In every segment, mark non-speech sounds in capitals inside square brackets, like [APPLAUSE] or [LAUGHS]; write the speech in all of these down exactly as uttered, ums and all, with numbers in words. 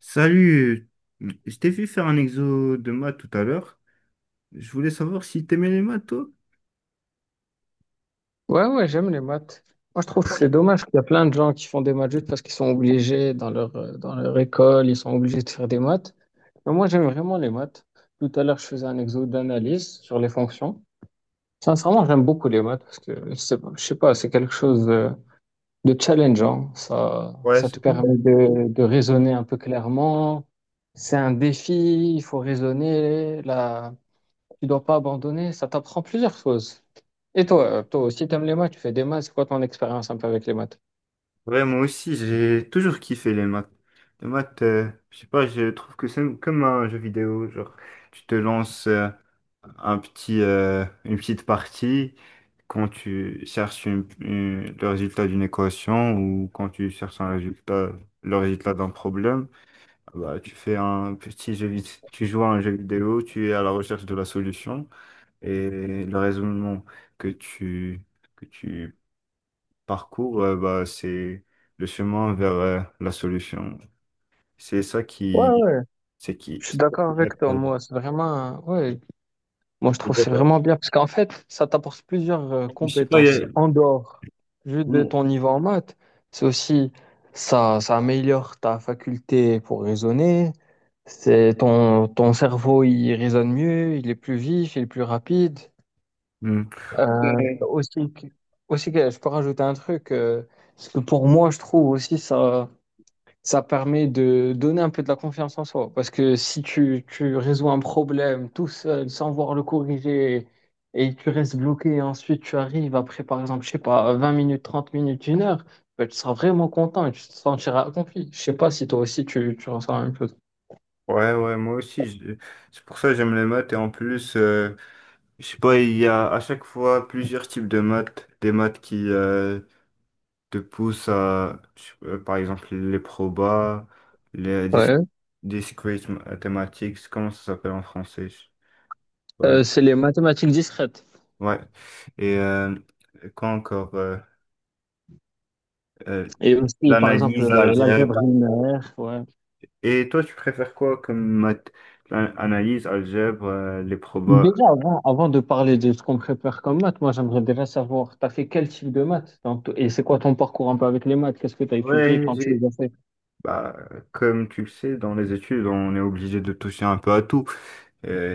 Salut, je t'ai vu faire un exo de maths tout à l'heure. Je voulais savoir si t'aimais les maths, toi? Ouais, ouais, j'aime les maths. Moi, je trouve que c'est dommage qu'il y a plein de gens qui font des maths juste parce qu'ils sont obligés dans leur, euh, dans leur école, ils sont obligés de faire des maths. Mais moi, j'aime vraiment les maths. Tout à l'heure, je faisais un exo d'analyse sur les fonctions. Sincèrement, j'aime beaucoup les maths parce que, je sais pas, je sais pas, c'est quelque chose de, de challengeant. Ça, Ouais, ça te c'est cool. permet de, de raisonner un peu clairement. C'est un défi, il faut raisonner. Là, tu dois pas abandonner, ça t'apprend plusieurs choses. Et toi, euh, toi aussi, t'aimes les maths, tu fais des maths, c'est quoi ton expérience un peu avec les maths? Ouais, moi aussi, j'ai toujours kiffé les maths. Les maths, euh, je sais pas, je trouve que c'est comme un jeu vidéo. Genre, tu te lances euh, un petit, euh, une petite partie quand tu cherches une- une- le résultat d'une équation ou quand tu cherches un résultat, le résultat d'un problème. Bah, tu fais un petit jeu, vid- tu joues à un jeu vidéo, tu es à la recherche de la solution et le raisonnement que tu, que tu parcours, euh, bah, c'est le chemin vers euh, la solution. C'est ça Ouais, qui, ouais, c'est qui. je suis C'est ça d'accord qui est- avec toi. pardon. Moi, c'est vraiment, ouais, moi, je Et trouve que toi, c'est toi vraiment bien parce qu'en fait, ça t'apporte plusieurs euh, Je sais pas, il y compétences a- en dehors juste de Mm. ton niveau en maths. C'est aussi, ça, ça améliore ta faculté pour raisonner. C'est ton, ton cerveau, il raisonne mieux, il est plus vif, il est plus rapide. Mm. Euh, aussi, que- aussi que je peux rajouter un truc, euh, parce que pour moi, je trouve aussi ça, ça permet de donner un peu de la confiance en soi. Parce que si tu, tu résous un problème tout seul, sans voir le corriger, et tu restes bloqué, et ensuite tu arrives après, par exemple, je sais pas, vingt minutes, trente minutes, une heure, ben, tu seras vraiment content et tu te sentiras accompli. Je sais pas si toi aussi tu, tu ressens la même chose. Ouais, ouais, moi aussi, je- c'est pour ça que j'aime les maths et en plus, euh, je sais pas, il y a à chaque fois plusieurs types de maths, des maths qui, euh, te pousse à, euh, par exemple, les probas, les dis- Ouais. discrete mathematics, comment ça s'appelle en français? Ouais. Euh, c'est les mathématiques discrètes. Ouais. Et euh, quoi encore? Euh, euh, Et aussi, par exemple, l'analyse, euh, l'algèbre l'algèbre. linéaire, ouais. Et toi, tu préfères quoi comme math? L'an- Analyse, algèbre, euh, les probas. Déjà, avant, avant de parler de ce qu'on prépare comme maths, moi j'aimerais déjà savoir, t'as fait quel type de maths dans t- et c'est quoi ton parcours un peu avec les maths? Qu'est-ce que t'as étudié Ouais, quand tu j'ai- les as fait? bah, comme tu le sais, dans les études, on est obligé de toucher un peu à tout.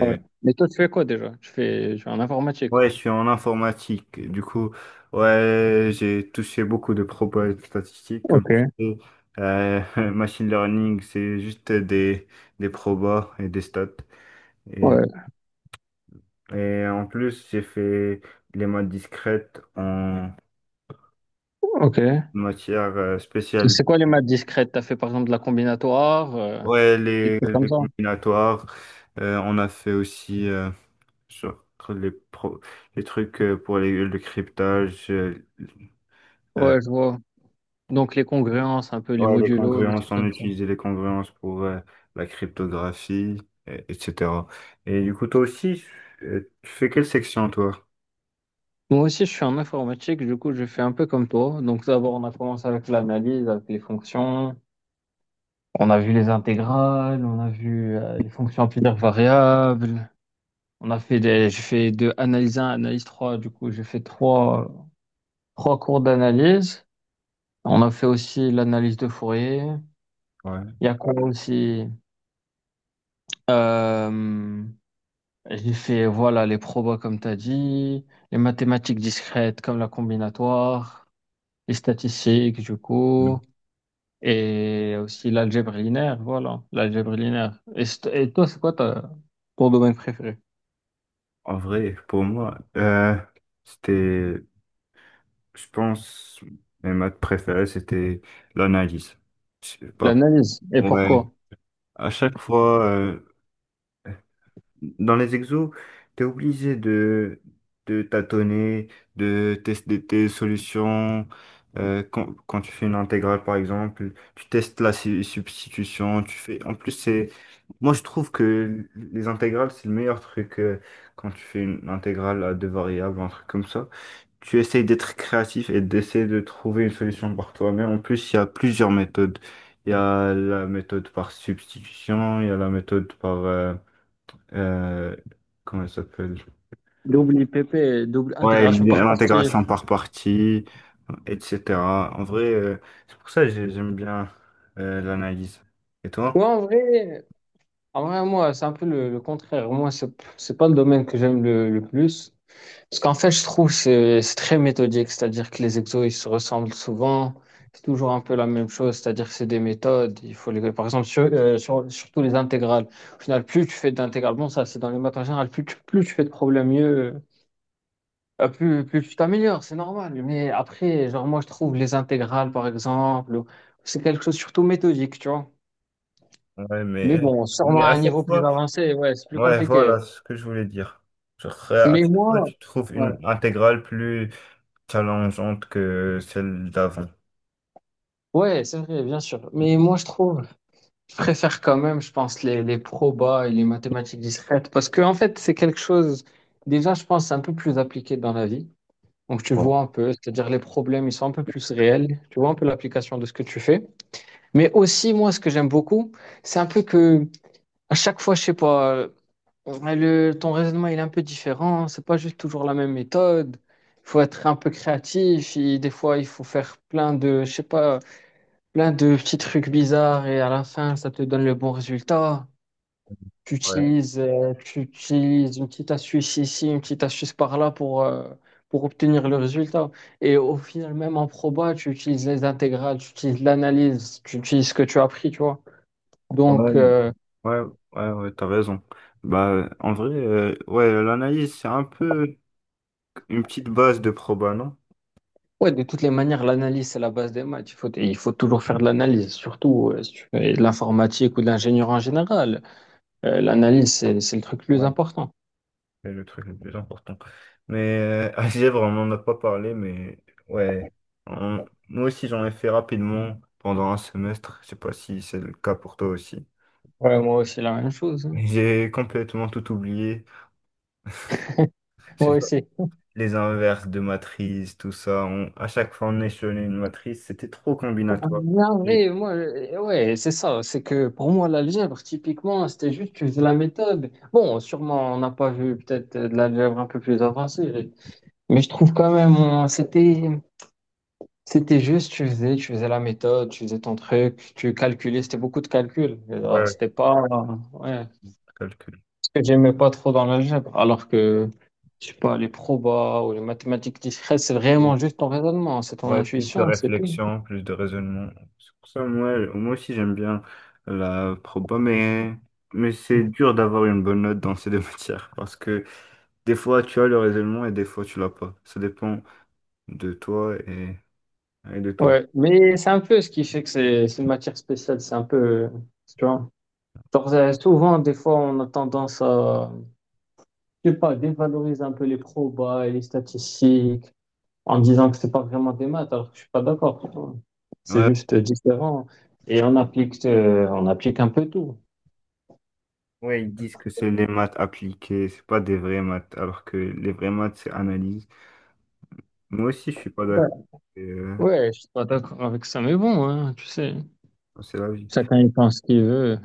Ouais. Mais toi, tu fais quoi déjà? Tu fais, tu fais en informatique. ouais, je suis en informatique. Du coup, ouais, j'ai touché beaucoup de propos statistiques. Comme Ok, tu sais, Euh, [LAUGHS] machine learning, c'est juste des, des probas et des stats. Et, ouais, et en plus, j'ai fait les maths discrètes en ok. Et matière euh, spéciale. c'est quoi les maths discrètes? T'as fait par exemple de la combinatoire, euh, Ouais, des les, trucs comme les ça? combinatoires. Euh, on a fait aussi euh, sur les, pro- les trucs euh, pour les- le cryptage. Euh, Ouais, je vois. Donc les congruences, un peu les ouais, les modulos, les congruences, trucs on comme ça. utilisait les congruences pour euh, la cryptographie, et- etc. Et du coup, toi aussi, euh, tu fais quelle section, toi? Moi aussi, je suis en informatique, du coup, je fais un peu comme toi. Donc d'abord, on a commencé avec l'analyse, avec les fonctions. On a vu les intégrales, on a vu euh, les fonctions amplitudaires variables. On a fait des, j'ai fait de analyse un, analyse trois. Du coup, j'ai fait trois, trois cours d'analyse. On a fait aussi l'analyse de Fourier. Ouais. Il y a quoi aussi? Euh, j'ai fait, voilà, les probas comme tu as dit, les mathématiques discrètes comme la combinatoire, les statistiques, du coup, Mm. et aussi l'algèbre linéaire, voilà, l'algèbre linéaire. Et, st- et toi, c'est quoi ta- ton domaine préféré? En vrai, pour moi, euh, c'était, je pense, mes maths préférées, c'était l'analyse. Je sais pas. L'analyse. Et Ouais. pourquoi? À chaque fois, euh, dans les exos, tu es obligé de, de tâtonner, de tester tes solutions. Euh, quand, quand tu fais une intégrale, par exemple, tu testes la su- substitution. Tu fais... En plus, c'est... Moi, je trouve que les intégrales, c'est le meilleur truc euh, quand tu fais une intégrale à deux variables, un truc comme ça. Tu essayes d'être créatif et d'essayer de trouver une solution par toi-même. En plus, il y a plusieurs méthodes. Il y a la méthode par substitution, il y a la méthode par... euh, euh, comment elle s'appelle? Double I P P, double Ouais, intégration par partie. l'intégration par partie, et cetera. En vrai, euh, c'est pour ça que j'ai- j'aime bien euh, l'analyse. Et Ouais, toi? en vrai, en vrai, moi, c'est un peu le, le contraire. Moi, c'est, c'est pas le domaine que j'aime le, le plus. Parce qu'en fait, je trouve que c'est c'est très méthodique. C'est-à-dire que les exos, ils se ressemblent souvent. C'est toujours un peu la même chose. C'est-à-dire que c'est des méthodes. Il faut les, par exemple, sur, euh, sur- surtout les intégrales. Au final, plus tu fais d'intégrales, bon, ça, c'est dans les maths en général, plus tu, plus tu fais de problèmes, mieux. Euh, plus, plus tu t'améliores, c'est normal. Mais après, genre, moi, je trouve les intégrales, par exemple, ou- c'est quelque chose surtout méthodique, tu vois. Ouais, Mais mais, bon, mais sûrement à à un chaque niveau plus fois, avancé, ouais, c'est plus ouais, compliqué. voilà ce que je voulais dire. Genre, euh, à Mais chaque fois, moi, tu trouves ouais, une intégrale plus challengeante que celle d'avant. ouais, c'est vrai, bien sûr. Mais moi, je trouve, je préfère quand même, je pense, les, les probas et les mathématiques discrètes parce que, en fait, c'est quelque chose, déjà, je pense, c'est un peu plus appliqué dans la vie. Donc, tu Bon. vois un peu, c'est-à-dire les problèmes, ils sont un peu plus réels. Tu vois un peu l'application de ce que tu fais. Mais aussi, moi, ce que j'aime beaucoup, c'est un peu que à chaque fois, je sais pas, euh, le, ton raisonnement il est un peu différent. C'est pas juste toujours la même méthode. Il faut être un peu créatif. Et des fois, il faut faire plein de, je sais pas, plein de petits trucs bizarres et à la fin, ça te donne le bon résultat. Tu Ouais, utilises, euh, tu utilises une petite astuce ici, une petite astuce par là pour, euh, pour obtenir le résultat. Et au final, même en proba, tu utilises les intégrales, tu utilises l'analyse, tu utilises ce que tu as appris, tu vois. Donc, ouais, euh, ouais, ouais, ouais, t'as raison. Bah, en vrai, euh, ouais, l'analyse, c'est un peu une petite base de proba, non? ouais, de toutes les manières, l'analyse, c'est la base des maths. Il faut, il faut toujours faire de l'analyse, surtout euh, si tu fais de l'informatique ou de l'ingénieur en général. Euh, l'analyse, c'est, c'est le truc le plus important. C'est le truc le plus important. Mais euh, [LAUGHS] algèbre, on n'en a pas parlé, mais ouais. On- moi aussi, j'en ai fait rapidement pendant un semestre. Je sais pas si c'est le cas pour toi aussi. Ouais, moi aussi, la même chose, hein. Mais j'ai complètement tout oublié. Je Moi pas, aussi. les inverses de matrices, tout ça. On... À chaque fois, on échelonnait une matrice. C'était trop combinatoire. Non, Et... mais moi, euh, ouais, c'est ça. C'est que pour moi, l'algèbre, typiquement, c'était juste que faisais la méthode. Bon, sûrement, on n'a pas vu peut-être euh, de l'algèbre un peu plus avancée, mais je trouve quand même, on- c'était. C'était juste, tu faisais, tu faisais la méthode, tu faisais ton truc, tu calculais, c'était beaucoup de calculs. Alors, ouais, c'était pas, ouais, calcul. ce que j'aimais pas trop dans l'algèbre. Alors que, je sais pas, les probas ou les mathématiques discrètes, c'est vraiment juste ton raisonnement, c'est ton Ouais, plus de intuition, c'est tout. réflexion, plus de raisonnement. C'est pour ça, moi, moi aussi, j'aime bien la proba, mais, mais c'est dur d'avoir une bonne note dans ces deux [LAUGHS] matières parce que des fois, tu as le raisonnement et des fois, tu l'as pas. Ça dépend de toi et, et de toi. Ouais, mais c'est un peu ce qui fait que c'est c'est une matière spéciale, c'est un peu, tu vois. Genre, euh, souvent, des fois, on a tendance à, je sais pas, dévaloriser un peu les probas et les statistiques en disant que c'est pas vraiment des maths, alors que je suis pas d'accord. C'est Ouais, juste différent. Et on applique, euh, on applique un peu tout. ouais, ils disent que c'est les maths appliquées, c'est pas des vraies maths, alors que les vraies maths, c'est analyse. Moi aussi, je suis pas Ouais. d'accord. Et, euh, Ouais, je suis pas d'accord avec ça, mais bon, hein, tu sais, c'est la vie. chacun il pense ce qu'il veut.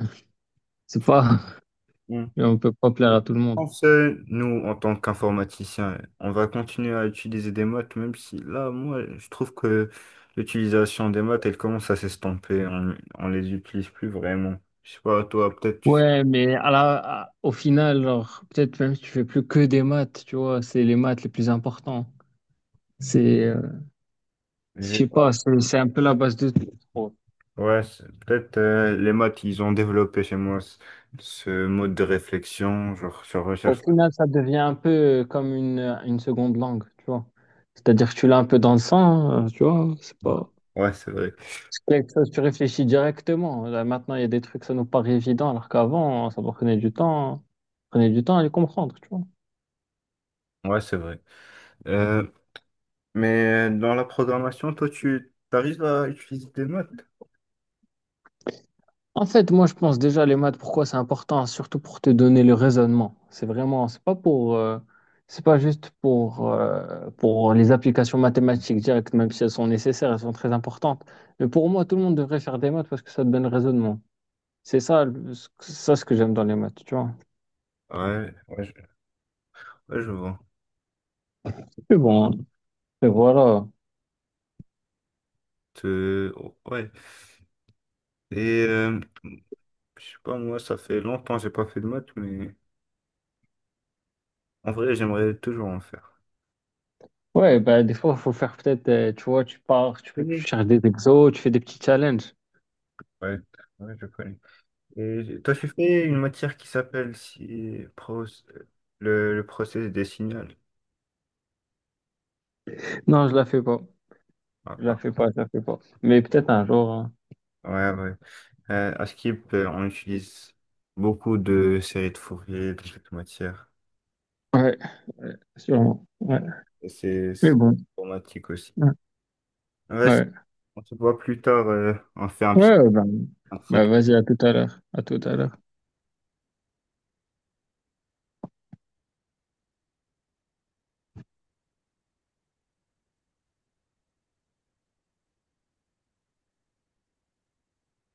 C'est pas, [LAUGHS] on peut pas plaire Je à tout le monde. pense, euh, nous, en tant qu'informaticiens, on va continuer à utiliser des maths, même si là, moi, je trouve que l'utilisation des maths, elle commence à s'estomper. On, on les utilise plus vraiment. Je sais pas, toi, peut-être, tu- Ouais, mais à la, à- au final, genre, peut-être même si tu fais plus que des maths, tu vois, c'est les maths les plus importants. C'est, euh, je j'ai sais pas. pas, c'est c'est un peu la base de tout, je trouve. Ouais, c'est- peut-être euh, les maths, ils ont développé chez moi ce, ce mode de réflexion, genre sur Au recherche. final, ça devient un peu euh, comme une, une seconde langue, tu vois. C'est-à-dire que tu l'as un peu dans le sang, hein, tu vois, c'est pas. Ouais, c'est vrai. C'est quelque chose, tu réfléchis directement. Là, maintenant, il y a des trucs, ça nous paraît évident, alors qu'avant, ça prenait du temps, prenait du temps à les comprendre, tu vois. Ouais, c'est vrai. Euh, mais dans la programmation, toi, tu arrives à utiliser des maths? En fait, moi, je pense déjà les maths, pourquoi c'est important, surtout pour te donner le raisonnement. C'est vraiment, c'est pas pour, euh, c'est pas juste pour, euh, pour les applications mathématiques directes, même si elles sont nécessaires, elles sont très importantes. Mais pour moi, tout le monde devrait faire des maths parce que ça te donne le raisonnement. C'est ça, le- ce- ça ce que j'aime dans les maths, tu vois. Ouais, ouais, je ouais, je vois. Mais bon, et voilà. Euh, oh, ouais. Et euh, je sais pas, moi, ça fait longtemps que j'ai pas fait de maths, mais en vrai, j'aimerais toujours en faire. Ouais, bah, des fois, il faut faire peut-être, euh, tu vois, tu pars, tu, tu Oui. cherches des exos, tu fais des petits challenges. Ouais, ouais, je connais. Et j'ai- toi, tu fais une matière qui s'appelle si, pro- le, le processus des signaux. Non, je la fais pas. Ah, Je la ah. fais pas, je la fais pas. Mais peut-être un jour, hein. Ouais, ouais. Euh, à Skip, euh, on utilise beaucoup de séries de Fourier, de cette matière. Ouais, sûrement. Ouais. Et C'est Mais c'est bon. informatique aussi. Ouais. Ouais, Ouais, on se voit plus tard, euh, on fait un petit ouais ouais, bah, un de ces bah, vas-y, à tout à l'heure. À tout à l'heure.